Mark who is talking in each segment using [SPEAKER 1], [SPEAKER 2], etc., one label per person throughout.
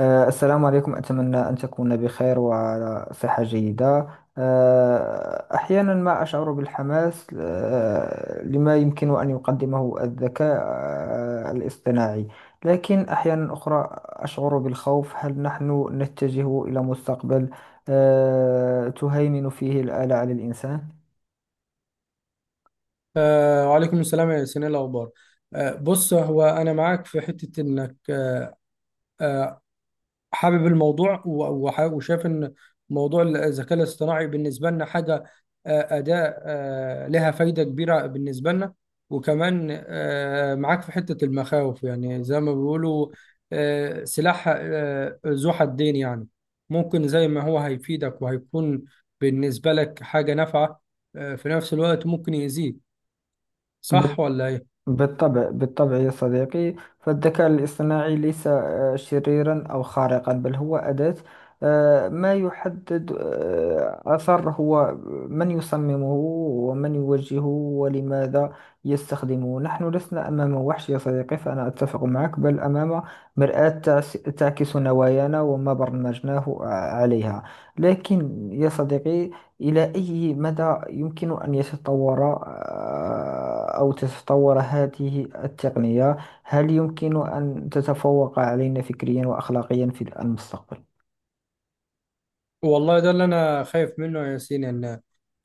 [SPEAKER 1] السلام عليكم. أتمنى أن تكون بخير وعلى صحة جيدة. أحيانا ما أشعر بالحماس لما يمكن أن يقدمه الذكاء الاصطناعي. لكن أحيانا أخرى أشعر بالخوف. هل نحن نتجه إلى مستقبل تهيمن فيه الآلة على الإنسان؟
[SPEAKER 2] وعليكم السلام يا ياسين، إيه الأخبار؟ بص، هو أنا معاك في حتة إنك آه حابب الموضوع، وشايف إن موضوع الذكاء الاصطناعي بالنسبة لنا حاجة، أداة لها فايدة كبيرة بالنسبة لنا. وكمان معاك في حتة المخاوف، يعني زي ما بيقولوا سلاح ذو حدين. يعني ممكن زي ما هو هيفيدك وهيكون بالنسبة لك حاجة نافعة، في نفس الوقت ممكن يأذيك. صح ولا إيه؟
[SPEAKER 1] بالطبع، بالطبع يا صديقي. فالذكاء الاصطناعي ليس شريرا أو خارقا، بل هو أداة. ما يحدد أثر هو من يصممه، ومن يوجهه، ولماذا يستخدمه. نحن لسنا أمام وحش يا صديقي، فأنا أتفق معك، بل أمام مرآة تعكس نوايانا وما برمجناه عليها. لكن يا صديقي، إلى أي مدى يمكن أن يتطور أو تتطور هذه التقنية؟ هل يمكن أن تتفوق علينا فكريا وأخلاقيا في المستقبل؟
[SPEAKER 2] والله ده اللي انا خايف منه يا ياسين، ان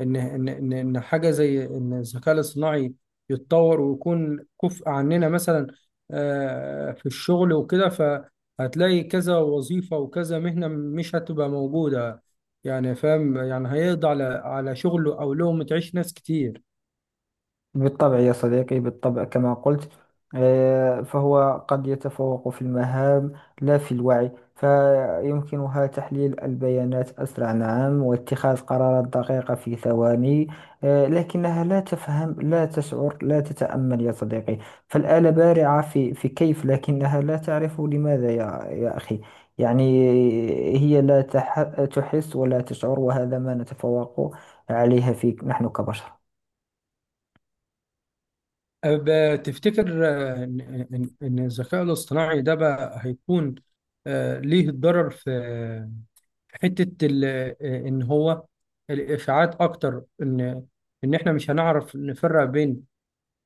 [SPEAKER 2] ان ان ان, إن حاجه زي ان الذكاء الاصطناعي يتطور ويكون كفء عننا، مثلا في الشغل وكده. فهتلاقي كذا وظيفه وكذا مهنه مش هتبقى موجوده. يعني فاهم، يعني هيقضي على شغل او لقمه عيش ناس كتير.
[SPEAKER 1] بالطبع يا صديقي، بالطبع كما قلت. فهو قد يتفوق في المهام، لا في الوعي. فيمكنها تحليل البيانات أسرع، نعم، واتخاذ قرارات دقيقة في ثواني. لكنها لا تفهم، لا تشعر، لا تتأمل يا صديقي. فالآلة بارعة في كيف، لكنها لا تعرف لماذا يا أخي. يعني هي لا تحس ولا تشعر، وهذا ما نتفوق عليها في نحن كبشر.
[SPEAKER 2] تفتكر آه، ان ان إن الذكاء الاصطناعي ده بقى هيكون ليه ضرر في حته ان هو الافعاد اكتر، ان ان احنا مش هنعرف نفرق بين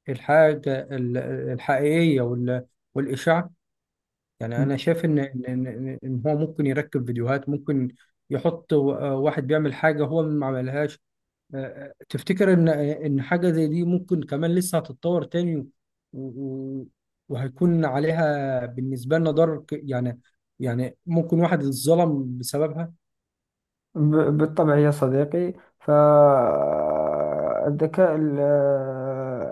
[SPEAKER 2] الحاجه الحقيقيه والاشاعه. يعني انا شايف ان ان ان إن هو ممكن يركب فيديوهات، ممكن يحط واحد بيعمل حاجه هو ما عملهاش. تفتكر ان ان حاجه زي دي ممكن كمان لسه هتتطور تاني، و- و- وهيكون عليها بالنسبه لنا ضرر يعني، يعني ممكن واحد اتظلم بسببها.
[SPEAKER 1] بالطبع يا صديقي. فالذكاء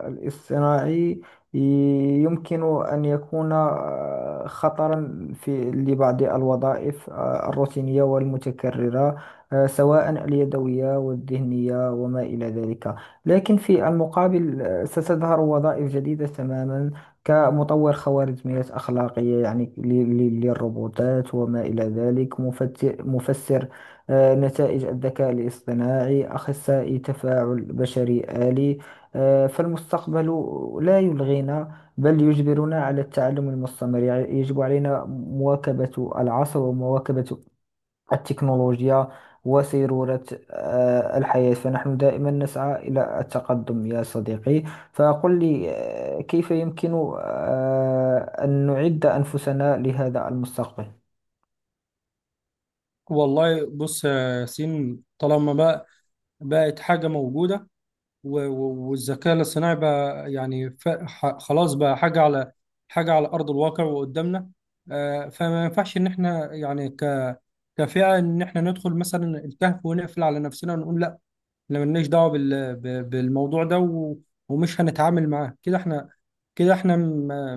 [SPEAKER 1] الاصطناعي ي- يمكن أن يكون خطرا في لبعض الوظائف الروتينية والمتكررة، سواء اليدوية والذهنية وما إلى ذلك. لكن في المقابل، ستظهر وظائف جديدة تماما، كمطور خوارزميات أخلاقية يعني للروبوتات وما إلى ذلك، مفسر نتائج الذكاء الاصطناعي، أخصائي تفاعل بشري آلي. فالمستقبل لا يلغينا بل يجبرنا على التعلم المستمر. يجب علينا مواكبة العصر ومواكبة التكنولوجيا وسيرورة الحياة. فنحن دائما نسعى إلى التقدم يا صديقي. فقل لي، كيف يمكن آه، أن نعد أنفسنا لهذا المستقبل؟
[SPEAKER 2] والله بص يا سين، طالما بقى بقت حاجة موجودة، والذكاء الاصطناعي بقى، يعني خلاص بقى حاجة على أرض الواقع وقدامنا. فما ينفعش إن إحنا، يعني كفئة، إن إحنا ندخل مثلا الكهف ونقفل على نفسنا ونقول احنا ملناش دعوه بالموضوع ده، ومش هنتعامل معاه كده. احنا كده احنا ما,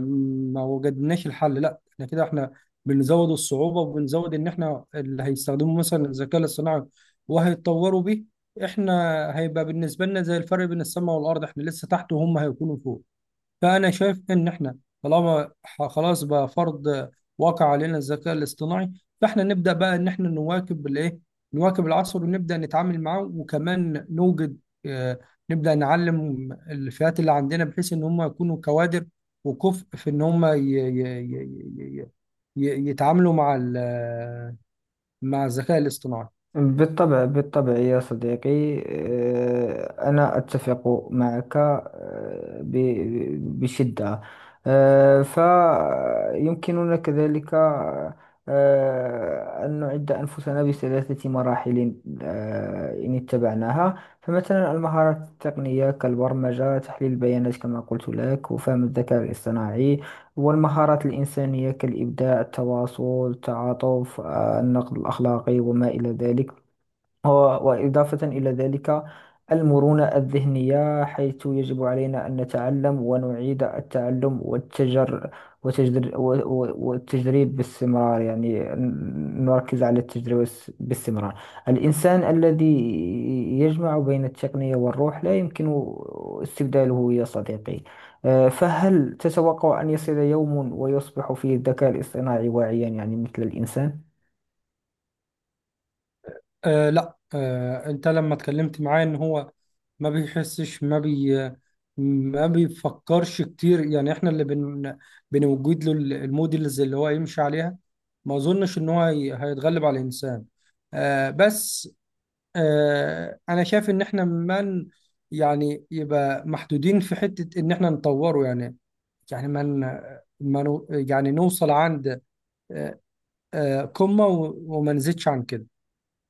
[SPEAKER 2] ما وجدناش الحل. لا، احنا كده احنا بنزود الصعوبه، وبنزود ان احنا اللي هيستخدموا مثلا الذكاء الاصطناعي وهيتطوروا بيه. احنا هيبقى بالنسبه لنا زي الفرق بين السماء والارض، احنا لسه تحت وهم هيكونوا فوق. فأنا شايف إن إحنا طالما خلاص بقى فرض واقع علينا الذكاء الاصطناعي، فإحنا نبدأ بقى إن إحنا نواكب الإيه؟ نواكب العصر ونبدأ نتعامل معاه، وكمان نوجد، آه، نبدأ نعلم الفئات اللي عندنا بحيث إن هم يكونوا كوادر وكفء في إن هم ي- ي- ي- يتعاملوا مع مع الذكاء الاصطناعي.
[SPEAKER 1] بالطبع، بالطبع يا صديقي. أنا أتفق معك بشدة. فيمكننا كذلك أن نعد أنفسنا ب3 مراحل إن اتبعناها. فمثلا، المهارات التقنية كالبرمجة، تحليل البيانات كما قلت لك، وفهم الذكاء الاصطناعي، والمهارات الإنسانية كالإبداع، التواصل، التعاطف، النقد الأخلاقي وما إلى ذلك. و- وإضافة إلى ذلك، المرونة الذهنية، حيث يجب علينا أن نتعلم ونعيد التعلم والتجريب باستمرار. يعني نركز على التجربة باستمرار. الإنسان الذي يجمع بين التقنية والروح لا يمكن استبداله يا صديقي. فهل تتوقع أن يصل يوم ويصبح فيه الذكاء الاصطناعي واعيا، يعني مثل الإنسان؟
[SPEAKER 2] لا، انت لما اتكلمت معاه، ان هو ما بيحسش، ما بيفكرش كتير. يعني احنا اللي بنوجد له الموديلز اللي هو يمشي عليها. ما اظنش ان هو هيتغلب على الانسان. بس، انا شايف ان احنا من، يعني يبقى محدودين في حتة ان احنا نطوره. يعني، يعني من ما ن- ما نو- يعني نوصل عند آه قمة، وما نزيدش عن كده.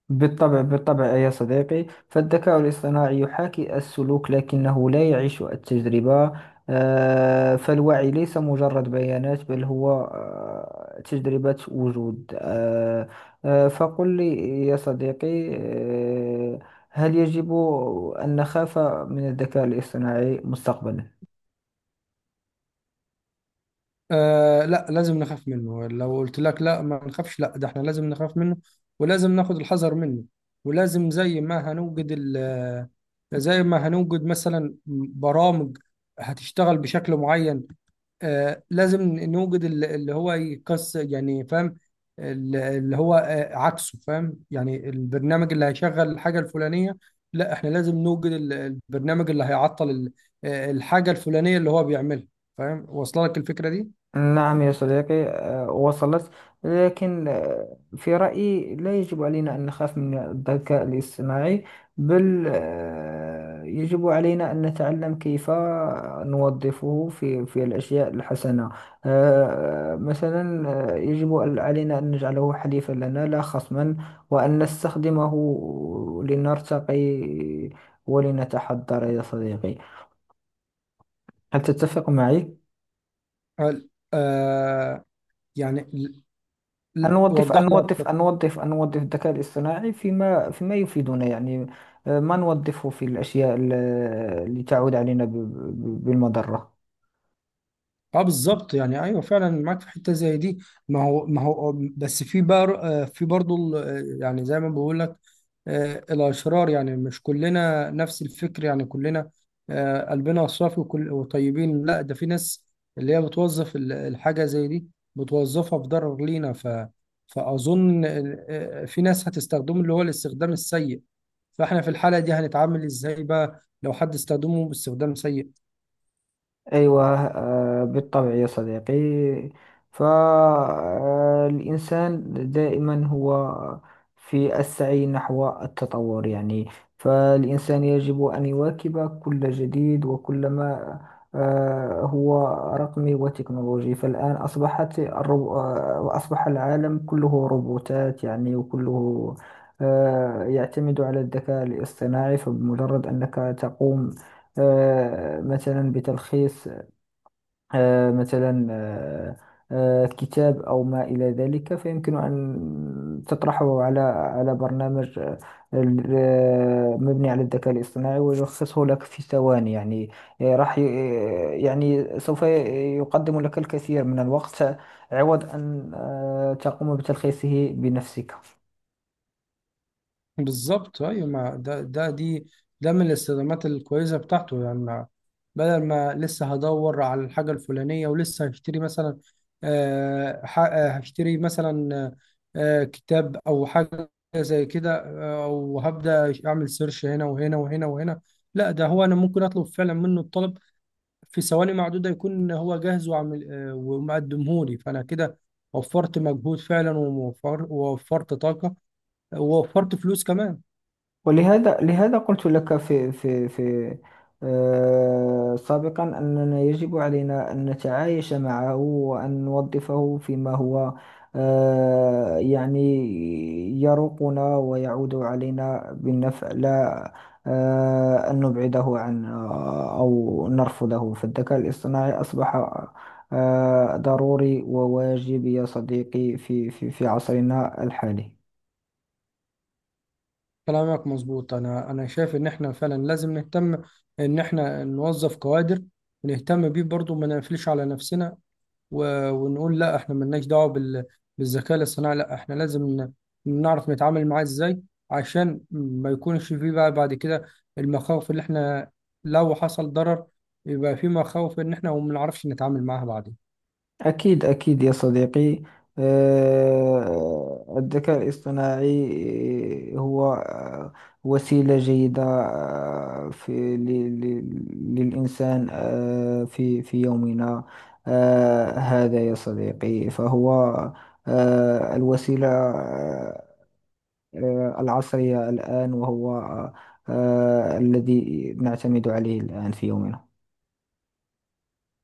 [SPEAKER 1] بالطبع، بالطبع يا صديقي. فالذكاء الاصطناعي يحاكي السلوك لكنه لا يعيش التجربة. فالوعي ليس مجرد بيانات، بل هو تجربة وجود. فقل لي يا صديقي، هل يجب أن نخاف من الذكاء الاصطناعي مستقبلا؟
[SPEAKER 2] لا، لازم نخاف منه. لو قلت لك لا ما نخافش، لا، ده احنا لازم نخاف منه ولازم ناخد الحذر منه. ولازم زي ما هنوجد ال، زي ما هنوجد مثلا برامج هتشتغل بشكل معين، لازم نوجد اللي هو يكس، يعني فاهم، اللي هو عكسه. فاهم، يعني البرنامج اللي هيشغل الحاجة الفلانية، لا احنا لازم نوجد البرنامج اللي هيعطل الحاجة الفلانية اللي هو بيعملها. فاهم، واصله لك الفكرة دي؟
[SPEAKER 1] نعم يا صديقي، وصلت. لكن في رأيي لا يجب علينا أن نخاف من الذكاء الاصطناعي، بل يجب علينا أن نتعلم كيف نوظفه في الأشياء الحسنة. مثلا، يجب علينا أن نجعله حليفا لنا، لا خصما، وأن نستخدمه لنرتقي ولنتحضر يا صديقي. هل تتفق معي؟
[SPEAKER 2] هل يعني،
[SPEAKER 1] أنوظف
[SPEAKER 2] وضح لي
[SPEAKER 1] أنوظف
[SPEAKER 2] اكتر.
[SPEAKER 1] أنوظف أنوظف الذكاء الاصطناعي فيما يفيدنا يعني. ما نوظفه في الأشياء اللي تعود علينا بالمضرة.
[SPEAKER 2] اه، بالظبط، يعني ايوه فعلا معاك في حته زي دي. ما هو بس في بار آه، في برضه يعني زي ما بقول لك الاشرار. يعني مش كلنا نفس الفكر، يعني كلنا قلبنا صافي وكل وطيبين. لا، ده في ناس اللي هي بتوظف الحاجه زي دي، بتوظفها في ضرر لينا. فاظن في ناس هتستخدمه، اللي هو الاستخدام السيء. فاحنا في الحاله دي هنتعامل ازاي بقى لو حد استخدمه باستخدام سيء؟
[SPEAKER 1] أيوة، بالطبع يا صديقي. فالإنسان دائما هو في السعي نحو التطور يعني. فالإنسان يجب أن يواكب كل جديد وكل ما هو رقمي وتكنولوجي. فالآن أصبحت الرو... آه، أصبح العالم كله روبوتات يعني، وكله يعتمد على الذكاء الاصطناعي. فبمجرد أنك تقوم مثلا بتلخيص مثلا كتاب أو ما إلى ذلك، فيمكن أن تطرحه على برنامج مبني على الذكاء الاصطناعي، ويلخصه لك في ثواني يعني. يعني يقدم لك الكثير من الوقت، عوض أن تقوم بتلخيصه بنفسك.
[SPEAKER 2] بالظبط، ايوه. ما ده ده دي، ده من الاستخدامات الكويسه بتاعته. يعني بدل ما لسه هدور على الحاجه الفلانيه ولسه هشتري مثلا، هشتري مثلا كتاب او حاجه زي كده، او هبدا اعمل سيرش هنا وهنا وهنا وهنا، لا، ده هو انا ممكن اطلب فعلا منه الطلب في ثواني معدوده، يكون هو جاهز وعامل ومقدمهولي. فانا كده وفرت مجهود فعلا، ووفرت طاقه، ووفرت فلوس كمان.
[SPEAKER 1] ولهذا قلت لك في سابقا أننا يجب علينا أن نتعايش معه وأن نوظفه فيما هو يعني يروقنا ويعود علينا بالنفع، لا أن نبعده عن أو نرفضه. فالذكاء الاصطناعي أصبح ضروري وواجب يا صديقي في عصرنا الحالي.
[SPEAKER 2] كلامك مظبوط. انا شايف ان احنا فعلا لازم نهتم ان احنا نوظف كوادر، ونهتم بيه برضو. ما نقفلش على نفسنا ونقول لا، احنا ملناش دعوه بالذكاء الاصطناعي، لا احنا لازم نعرف نتعامل معاه ازاي، عشان ما يكونش فيه بقى بعد كده المخاوف، اللي احنا لو حصل ضرر يبقى في مخاوف ان احنا ما بنعرفش نتعامل معاها بعدين.
[SPEAKER 1] أكيد، أكيد يا صديقي. الذكاء الاصطناعي هو وسيلة جيدة في للإنسان في يومنا هذا يا صديقي. فهو الوسيلة العصرية الآن، وهو الذي نعتمد عليه الآن في يومنا.